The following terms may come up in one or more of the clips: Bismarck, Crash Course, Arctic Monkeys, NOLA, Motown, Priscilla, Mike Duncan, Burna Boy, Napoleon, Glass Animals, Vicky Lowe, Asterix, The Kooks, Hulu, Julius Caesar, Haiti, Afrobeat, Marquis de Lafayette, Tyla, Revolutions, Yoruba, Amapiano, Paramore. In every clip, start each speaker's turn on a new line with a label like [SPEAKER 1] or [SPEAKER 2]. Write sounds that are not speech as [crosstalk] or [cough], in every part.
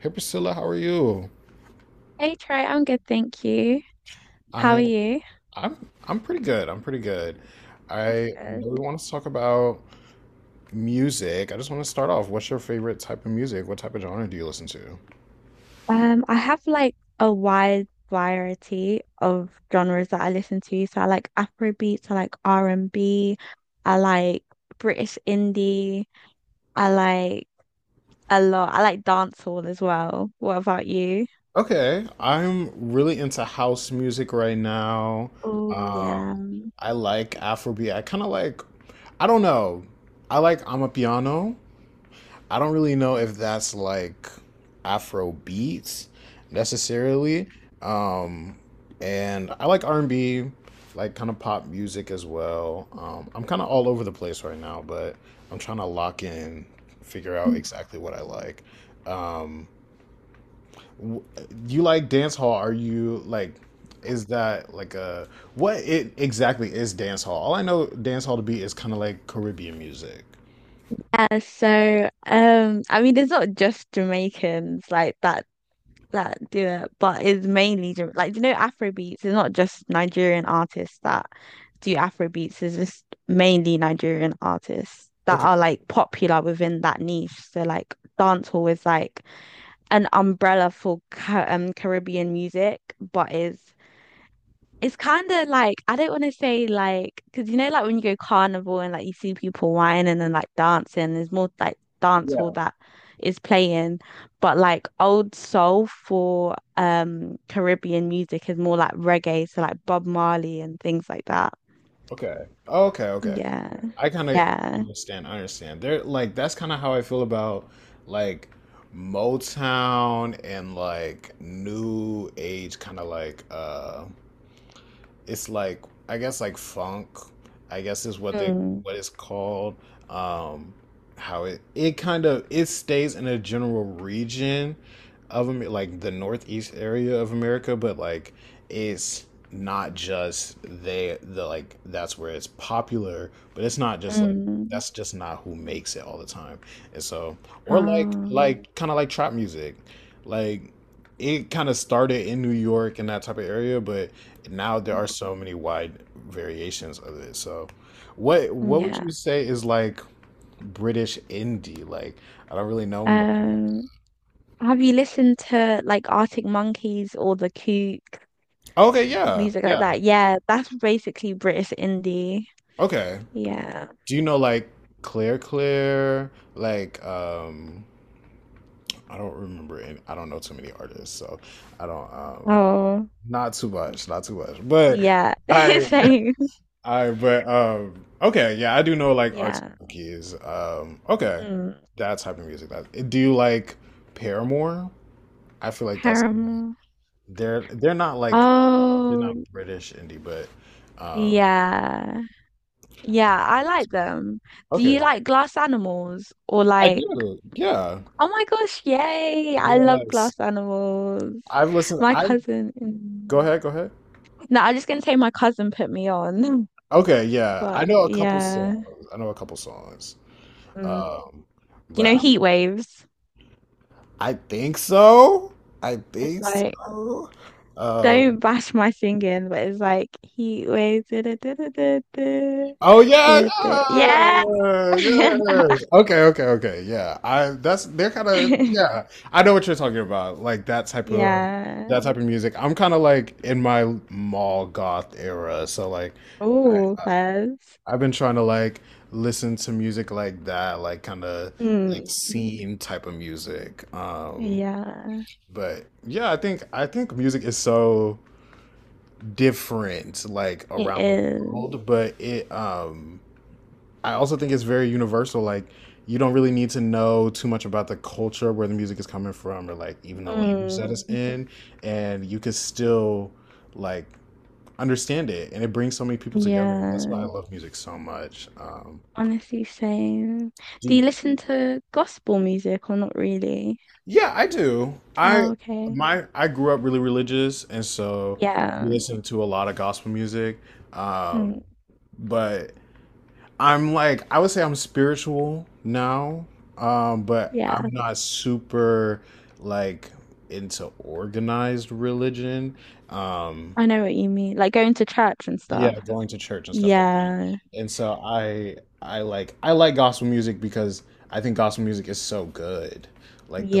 [SPEAKER 1] Hey Priscilla, how are you?
[SPEAKER 2] Hey Trey, I'm good, thank you. How are
[SPEAKER 1] I'm
[SPEAKER 2] you?
[SPEAKER 1] I'm I'm pretty good. I'm pretty good.
[SPEAKER 2] That's
[SPEAKER 1] I
[SPEAKER 2] good.
[SPEAKER 1] know we want to talk about music. I just want to start off. What's your favorite type of music? What type of genre do you listen to?
[SPEAKER 2] I have like a wide variety of genres that I listen to. So I like Afrobeats, I like r and B. I like British indie, I like a lot. I like dancehall as well. What about you?
[SPEAKER 1] Okay, I'm really into house music right now.
[SPEAKER 2] Oh
[SPEAKER 1] Um,
[SPEAKER 2] yeah.
[SPEAKER 1] I like Afrobeat. I kind of like, I don't know. I like Amapiano. I don't really know if that's like Afro beats necessarily. Um, and I like R and B, like kind of pop music as well. I'm kind of all over the place right now, but I'm trying to lock in, figure out exactly what I like. Um, you like dance hall? Are you like? Is that like a what it exactly is dance hall? All I know dance hall to be is kind of like Caribbean music.
[SPEAKER 2] Yeah, so I mean, it's not just Jamaicans like that do it, but it's mainly like you know Afrobeats. It's not just Nigerian artists that do Afrobeats. It's just mainly Nigerian artists that
[SPEAKER 1] Okay.
[SPEAKER 2] are like popular within that niche. So like dancehall is like an umbrella for Ca Caribbean music, but is it's kind of like I don't want to say like because you know like when you go carnival and like you see people whining and then like dancing, there's more like dance hall that is playing, but like old soul for Caribbean music is more like reggae, so like Bob Marley and things like that.
[SPEAKER 1] Okay. Oh, okay, okay, okay.
[SPEAKER 2] Yeah,
[SPEAKER 1] I kind of
[SPEAKER 2] yeah.
[SPEAKER 1] understand. I understand. They're like that's kind of how I feel about like Motown and like new age kind of like it's like I guess like funk, I guess is what they
[SPEAKER 2] Mm.
[SPEAKER 1] what it's called. Um, how it kind of it stays in a general region of Amer- like the northeast area of America, but like it's not just they the like that's where it's popular, but it's not just like
[SPEAKER 2] Mm.
[SPEAKER 1] that's just not who makes it all the time. And so or
[SPEAKER 2] Um,
[SPEAKER 1] like kind of like trap music. Like it kind of started in New York and that type of area, but now there are so many wide variations of it. So, what would
[SPEAKER 2] yeah.
[SPEAKER 1] you say is like British indie? Like, I don't really know much.
[SPEAKER 2] Um, have you listened to like Arctic Monkeys or The Kook?
[SPEAKER 1] Okay, yeah,
[SPEAKER 2] Music like
[SPEAKER 1] yeah.
[SPEAKER 2] that. Yeah, that's basically British indie.
[SPEAKER 1] Okay.
[SPEAKER 2] Yeah.
[SPEAKER 1] Do you know like Clear? Like, I don't remember. Any, I don't know too many artists, so I don't.
[SPEAKER 2] Oh,
[SPEAKER 1] Not too much, not too much. But
[SPEAKER 2] yeah.
[SPEAKER 1] I,
[SPEAKER 2] [laughs] Same.
[SPEAKER 1] but okay, yeah, I do know like arts
[SPEAKER 2] Yeah.
[SPEAKER 1] monkeys. Okay,
[SPEAKER 2] Mm.
[SPEAKER 1] that type of music. That do you like Paramore? I feel like that's
[SPEAKER 2] Paramore.
[SPEAKER 1] they're not like they're not
[SPEAKER 2] Oh,
[SPEAKER 1] British indie, but uh,
[SPEAKER 2] yeah. Yeah, I like them. Do you
[SPEAKER 1] okay,
[SPEAKER 2] like glass animals or
[SPEAKER 1] I
[SPEAKER 2] like?
[SPEAKER 1] do. Yeah,
[SPEAKER 2] Oh my gosh, yay! I love
[SPEAKER 1] yes.
[SPEAKER 2] glass animals.
[SPEAKER 1] I've listened.
[SPEAKER 2] My
[SPEAKER 1] I
[SPEAKER 2] cousin. Mm.
[SPEAKER 1] go ahead, go ahead.
[SPEAKER 2] No, I'm just gonna say my cousin put me on. [laughs]
[SPEAKER 1] Okay, yeah, I
[SPEAKER 2] But
[SPEAKER 1] know a couple
[SPEAKER 2] yeah.
[SPEAKER 1] songs. I know a couple songs.
[SPEAKER 2] Mm.
[SPEAKER 1] Um,
[SPEAKER 2] Do you
[SPEAKER 1] but
[SPEAKER 2] know heat waves?
[SPEAKER 1] I think so. I
[SPEAKER 2] It's
[SPEAKER 1] think
[SPEAKER 2] like,
[SPEAKER 1] so. Um,
[SPEAKER 2] don't bash my singing, but it's like heat waves. Da- da- da- da- da- da-
[SPEAKER 1] Oh yeah,
[SPEAKER 2] da- da- Yeah.
[SPEAKER 1] yeah,
[SPEAKER 2] [laughs]
[SPEAKER 1] yes. Okay, okay, okay. Yeah, I that's they're kind of yeah. I know what you're talking about, like
[SPEAKER 2] Yeah.
[SPEAKER 1] that type of music. I'm kind of like in my mall goth era, so like I,
[SPEAKER 2] Oh,
[SPEAKER 1] I
[SPEAKER 2] Fez.
[SPEAKER 1] I've been trying to like listen to music like that, like kind of like
[SPEAKER 2] Mm.
[SPEAKER 1] scene type of music.
[SPEAKER 2] Yeah.
[SPEAKER 1] But yeah, I think music is so different, like
[SPEAKER 2] It
[SPEAKER 1] around the
[SPEAKER 2] is.
[SPEAKER 1] world, but it. I also think it's very universal. Like, you don't really need to know too much about the culture where the music is coming from, or like even the language
[SPEAKER 2] Mm.
[SPEAKER 1] that it's in, and you can still like understand it. And it brings so many people together. That's why I
[SPEAKER 2] Yeah.
[SPEAKER 1] love music so much.
[SPEAKER 2] Honestly, same. Do
[SPEAKER 1] Do-
[SPEAKER 2] you listen to gospel music or not really?
[SPEAKER 1] yeah, I do. I
[SPEAKER 2] Oh, okay.
[SPEAKER 1] my I grew up really religious, and so we
[SPEAKER 2] Yeah.
[SPEAKER 1] listened to a lot of gospel music. Um,
[SPEAKER 2] Mm.
[SPEAKER 1] but I'm like I would say I'm spiritual now, but I'm
[SPEAKER 2] Yeah.
[SPEAKER 1] not super like into organized religion. Um,
[SPEAKER 2] I know what you mean. Like going to church and
[SPEAKER 1] yeah,
[SPEAKER 2] stuff.
[SPEAKER 1] going to church and stuff like
[SPEAKER 2] Yeah.
[SPEAKER 1] that. And so I like gospel music because I think gospel music is so good. Like the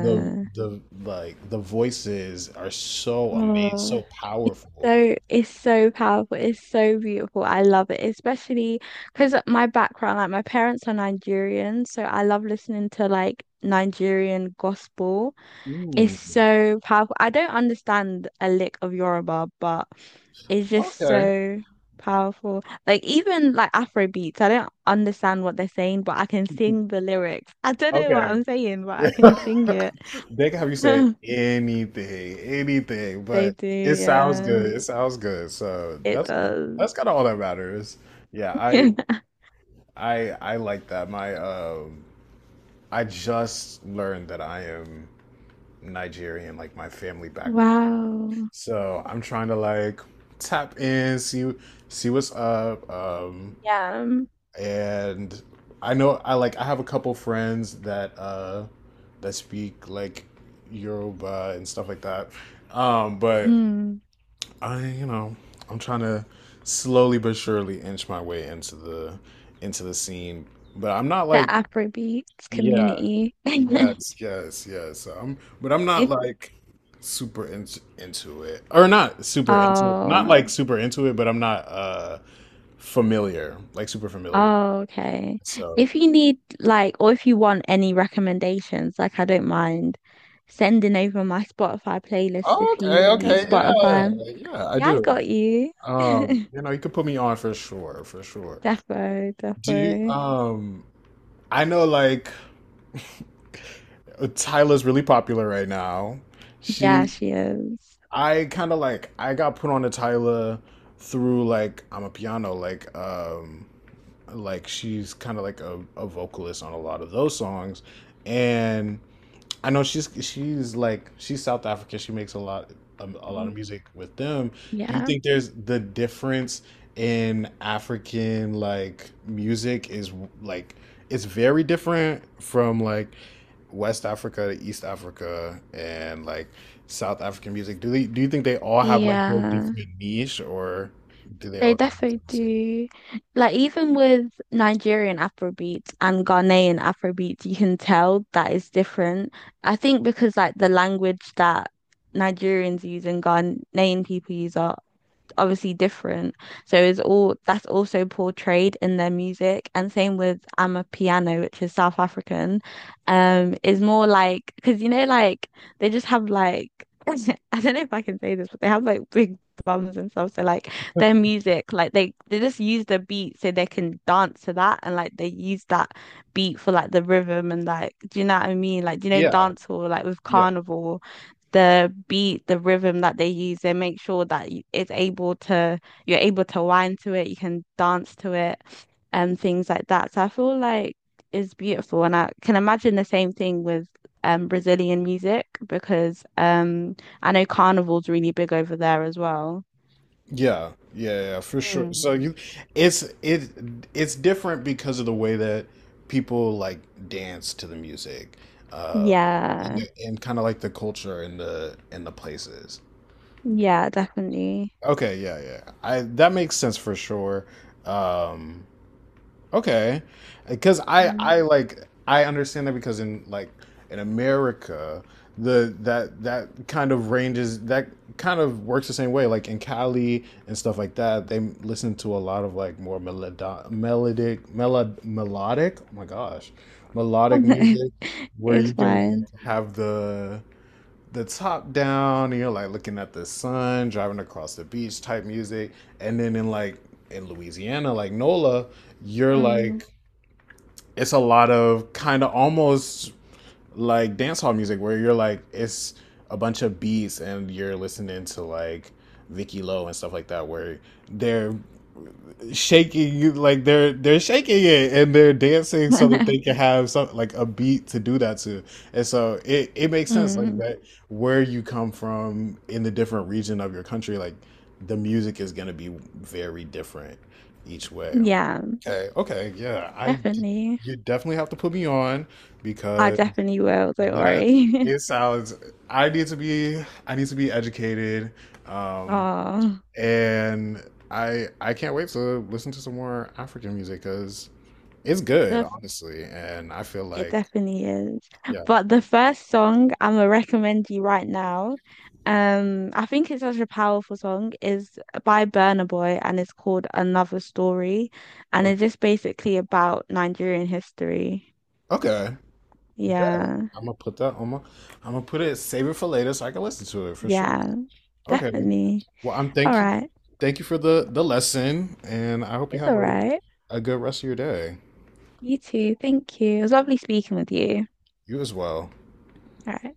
[SPEAKER 1] the the like the voices are so amazing,
[SPEAKER 2] Oh.
[SPEAKER 1] so powerful.
[SPEAKER 2] So it's so powerful. It's so beautiful. I love it, especially because my background, like my parents are Nigerian, so I love listening to like Nigerian gospel. It's
[SPEAKER 1] Mm,
[SPEAKER 2] so powerful. I don't understand a lick of Yoruba, but it's just
[SPEAKER 1] okay.
[SPEAKER 2] so powerful. Like even like Afro beats, I don't understand what they're saying, but I can sing the lyrics. I don't know what
[SPEAKER 1] Okay.
[SPEAKER 2] I'm saying, but I can
[SPEAKER 1] [laughs]
[SPEAKER 2] sing it.
[SPEAKER 1] they can have you say
[SPEAKER 2] [laughs]
[SPEAKER 1] anything, anything,
[SPEAKER 2] They
[SPEAKER 1] but
[SPEAKER 2] do,
[SPEAKER 1] it sounds
[SPEAKER 2] yeah.
[SPEAKER 1] good. It sounds good. So
[SPEAKER 2] It does.
[SPEAKER 1] that's kind of all that matters. Yeah, I
[SPEAKER 2] [laughs]
[SPEAKER 1] I I like that. My I just learned that I am Nigerian, like my family background.
[SPEAKER 2] Wow.
[SPEAKER 1] So I'm trying to like tap in, see what's up.
[SPEAKER 2] Yeah. Um,
[SPEAKER 1] And I know I like I have a couple friends that that speak like Yoruba and stuff like that. But
[SPEAKER 2] mm,
[SPEAKER 1] I, you know, I'm trying to slowly but surely inch my way into the scene. But I'm not
[SPEAKER 2] the
[SPEAKER 1] like
[SPEAKER 2] Afrobeats
[SPEAKER 1] yeah,
[SPEAKER 2] community. [laughs]
[SPEAKER 1] yes, yes, yes. But I'm not
[SPEAKER 2] If
[SPEAKER 1] like super into it or not super into it. Not
[SPEAKER 2] oh,
[SPEAKER 1] like super into it, but I'm not familiar, like super familiar.
[SPEAKER 2] oh, okay.
[SPEAKER 1] So.
[SPEAKER 2] If you need like, or if you want any recommendations, like I don't mind sending over my Spotify playlist if
[SPEAKER 1] Okay,
[SPEAKER 2] you use
[SPEAKER 1] okay, yeah,
[SPEAKER 2] Spotify.
[SPEAKER 1] yeah, I
[SPEAKER 2] Yeah, I
[SPEAKER 1] do.
[SPEAKER 2] got you. [laughs]
[SPEAKER 1] You know, you could put me on for sure, for sure.
[SPEAKER 2] Defo, defo.
[SPEAKER 1] Do you, I know like Tyla's really popular right now. She,
[SPEAKER 2] Yeah, she is.
[SPEAKER 1] I kind of like, I got put on to Tyla through like, I'm a piano, like she's kind of like a vocalist on a lot of those songs. And I know she's like she's South African. She makes a lot of music with them. Do you
[SPEAKER 2] Yeah.
[SPEAKER 1] think there's the difference in African like music is like it's very different from like West Africa to East Africa and like South African music? Do they do you think they all have like their
[SPEAKER 2] Yeah.
[SPEAKER 1] different niche or do they
[SPEAKER 2] They
[SPEAKER 1] all?
[SPEAKER 2] definitely do. Like even with Nigerian Afrobeats and Ghanaian Afrobeats, you can tell that it's different. I think because like the language that Nigerians use and Ghanaian people use are obviously different. So it's all that's also portrayed in their music. And same with Amapiano, which is South African, is more like because you know, like they just have like [laughs] I don't know if I can say this, but they have like big bums and stuff. So like their music, like they just use the beat so they can dance to that, and like they use that beat for like the rhythm and like, do you know what I mean? Like do you know
[SPEAKER 1] Yeah,
[SPEAKER 2] dance hall like with
[SPEAKER 1] yeah.
[SPEAKER 2] carnival the beat, the rhythm that they use, and make sure that it's able to, you're able to whine to it, you can dance to it, and things like that. So I feel like it's beautiful, and I can imagine the same thing with Brazilian music because I know carnival's really big over there as well.
[SPEAKER 1] Yeah, yeah, yeah, yeah, for sure.
[SPEAKER 2] Mm.
[SPEAKER 1] So you, it's it it's different because of the way that people like dance to the music, uh, and,
[SPEAKER 2] Yeah,
[SPEAKER 1] and kind of like the culture and the places.
[SPEAKER 2] yeah, definitely.
[SPEAKER 1] Okay, yeah, yeah. I that makes sense for sure. Um, okay, because
[SPEAKER 2] Mm.
[SPEAKER 1] I like I understand that because in like in America the that that kind of ranges that kind of works the same way like in Cali and stuff like that they listen to a lot of like more melodic oh my gosh melodic music
[SPEAKER 2] [laughs]
[SPEAKER 1] where you
[SPEAKER 2] It's
[SPEAKER 1] can
[SPEAKER 2] fine.
[SPEAKER 1] like have the top down, you know, like looking at the sun, driving across the beach type music. And then in like in Louisiana, like NOLA, you're
[SPEAKER 2] Mm.
[SPEAKER 1] like it's a lot of kind of almost like dancehall music where you're like it's a bunch of beats and you're listening to like Vicky Lowe and stuff like that where they're shaking you like they're shaking it and they're dancing so that they can
[SPEAKER 2] [laughs]
[SPEAKER 1] have some like a beat to do that to and so it makes sense like
[SPEAKER 2] Mm.
[SPEAKER 1] that where you come from in the different region of your country like the music is going to be very different each way
[SPEAKER 2] Yeah,
[SPEAKER 1] okay okay yeah I
[SPEAKER 2] definitely.
[SPEAKER 1] you definitely have to put me on
[SPEAKER 2] I
[SPEAKER 1] because
[SPEAKER 2] definitely will, don't
[SPEAKER 1] that
[SPEAKER 2] worry.
[SPEAKER 1] it
[SPEAKER 2] [laughs]
[SPEAKER 1] sounds. I need to be. I need to be educated, um,
[SPEAKER 2] Oh,
[SPEAKER 1] and I can't wait to listen to some more African music because it's
[SPEAKER 2] the
[SPEAKER 1] good,
[SPEAKER 2] f-
[SPEAKER 1] honestly. And I feel
[SPEAKER 2] it
[SPEAKER 1] like
[SPEAKER 2] definitely is.
[SPEAKER 1] yeah.
[SPEAKER 2] But the first song I'm gonna recommend you right now, I think it's such a powerful song, is by Burna Boy and it's called Another Story. And it's just basically about Nigerian history.
[SPEAKER 1] Okay. Yeah.
[SPEAKER 2] Yeah.
[SPEAKER 1] I'm gonna put that on my. I'm gonna put it. Save it for later so I can listen to it for sure.
[SPEAKER 2] Yeah,
[SPEAKER 1] Okay.
[SPEAKER 2] definitely.
[SPEAKER 1] Well, I'm
[SPEAKER 2] All
[SPEAKER 1] thank you.
[SPEAKER 2] right.
[SPEAKER 1] Thank you for the lesson, and I hope you
[SPEAKER 2] It's
[SPEAKER 1] have
[SPEAKER 2] all right.
[SPEAKER 1] a good rest of your day.
[SPEAKER 2] You too. Thank you. It was lovely speaking with you.
[SPEAKER 1] You as well.
[SPEAKER 2] All right.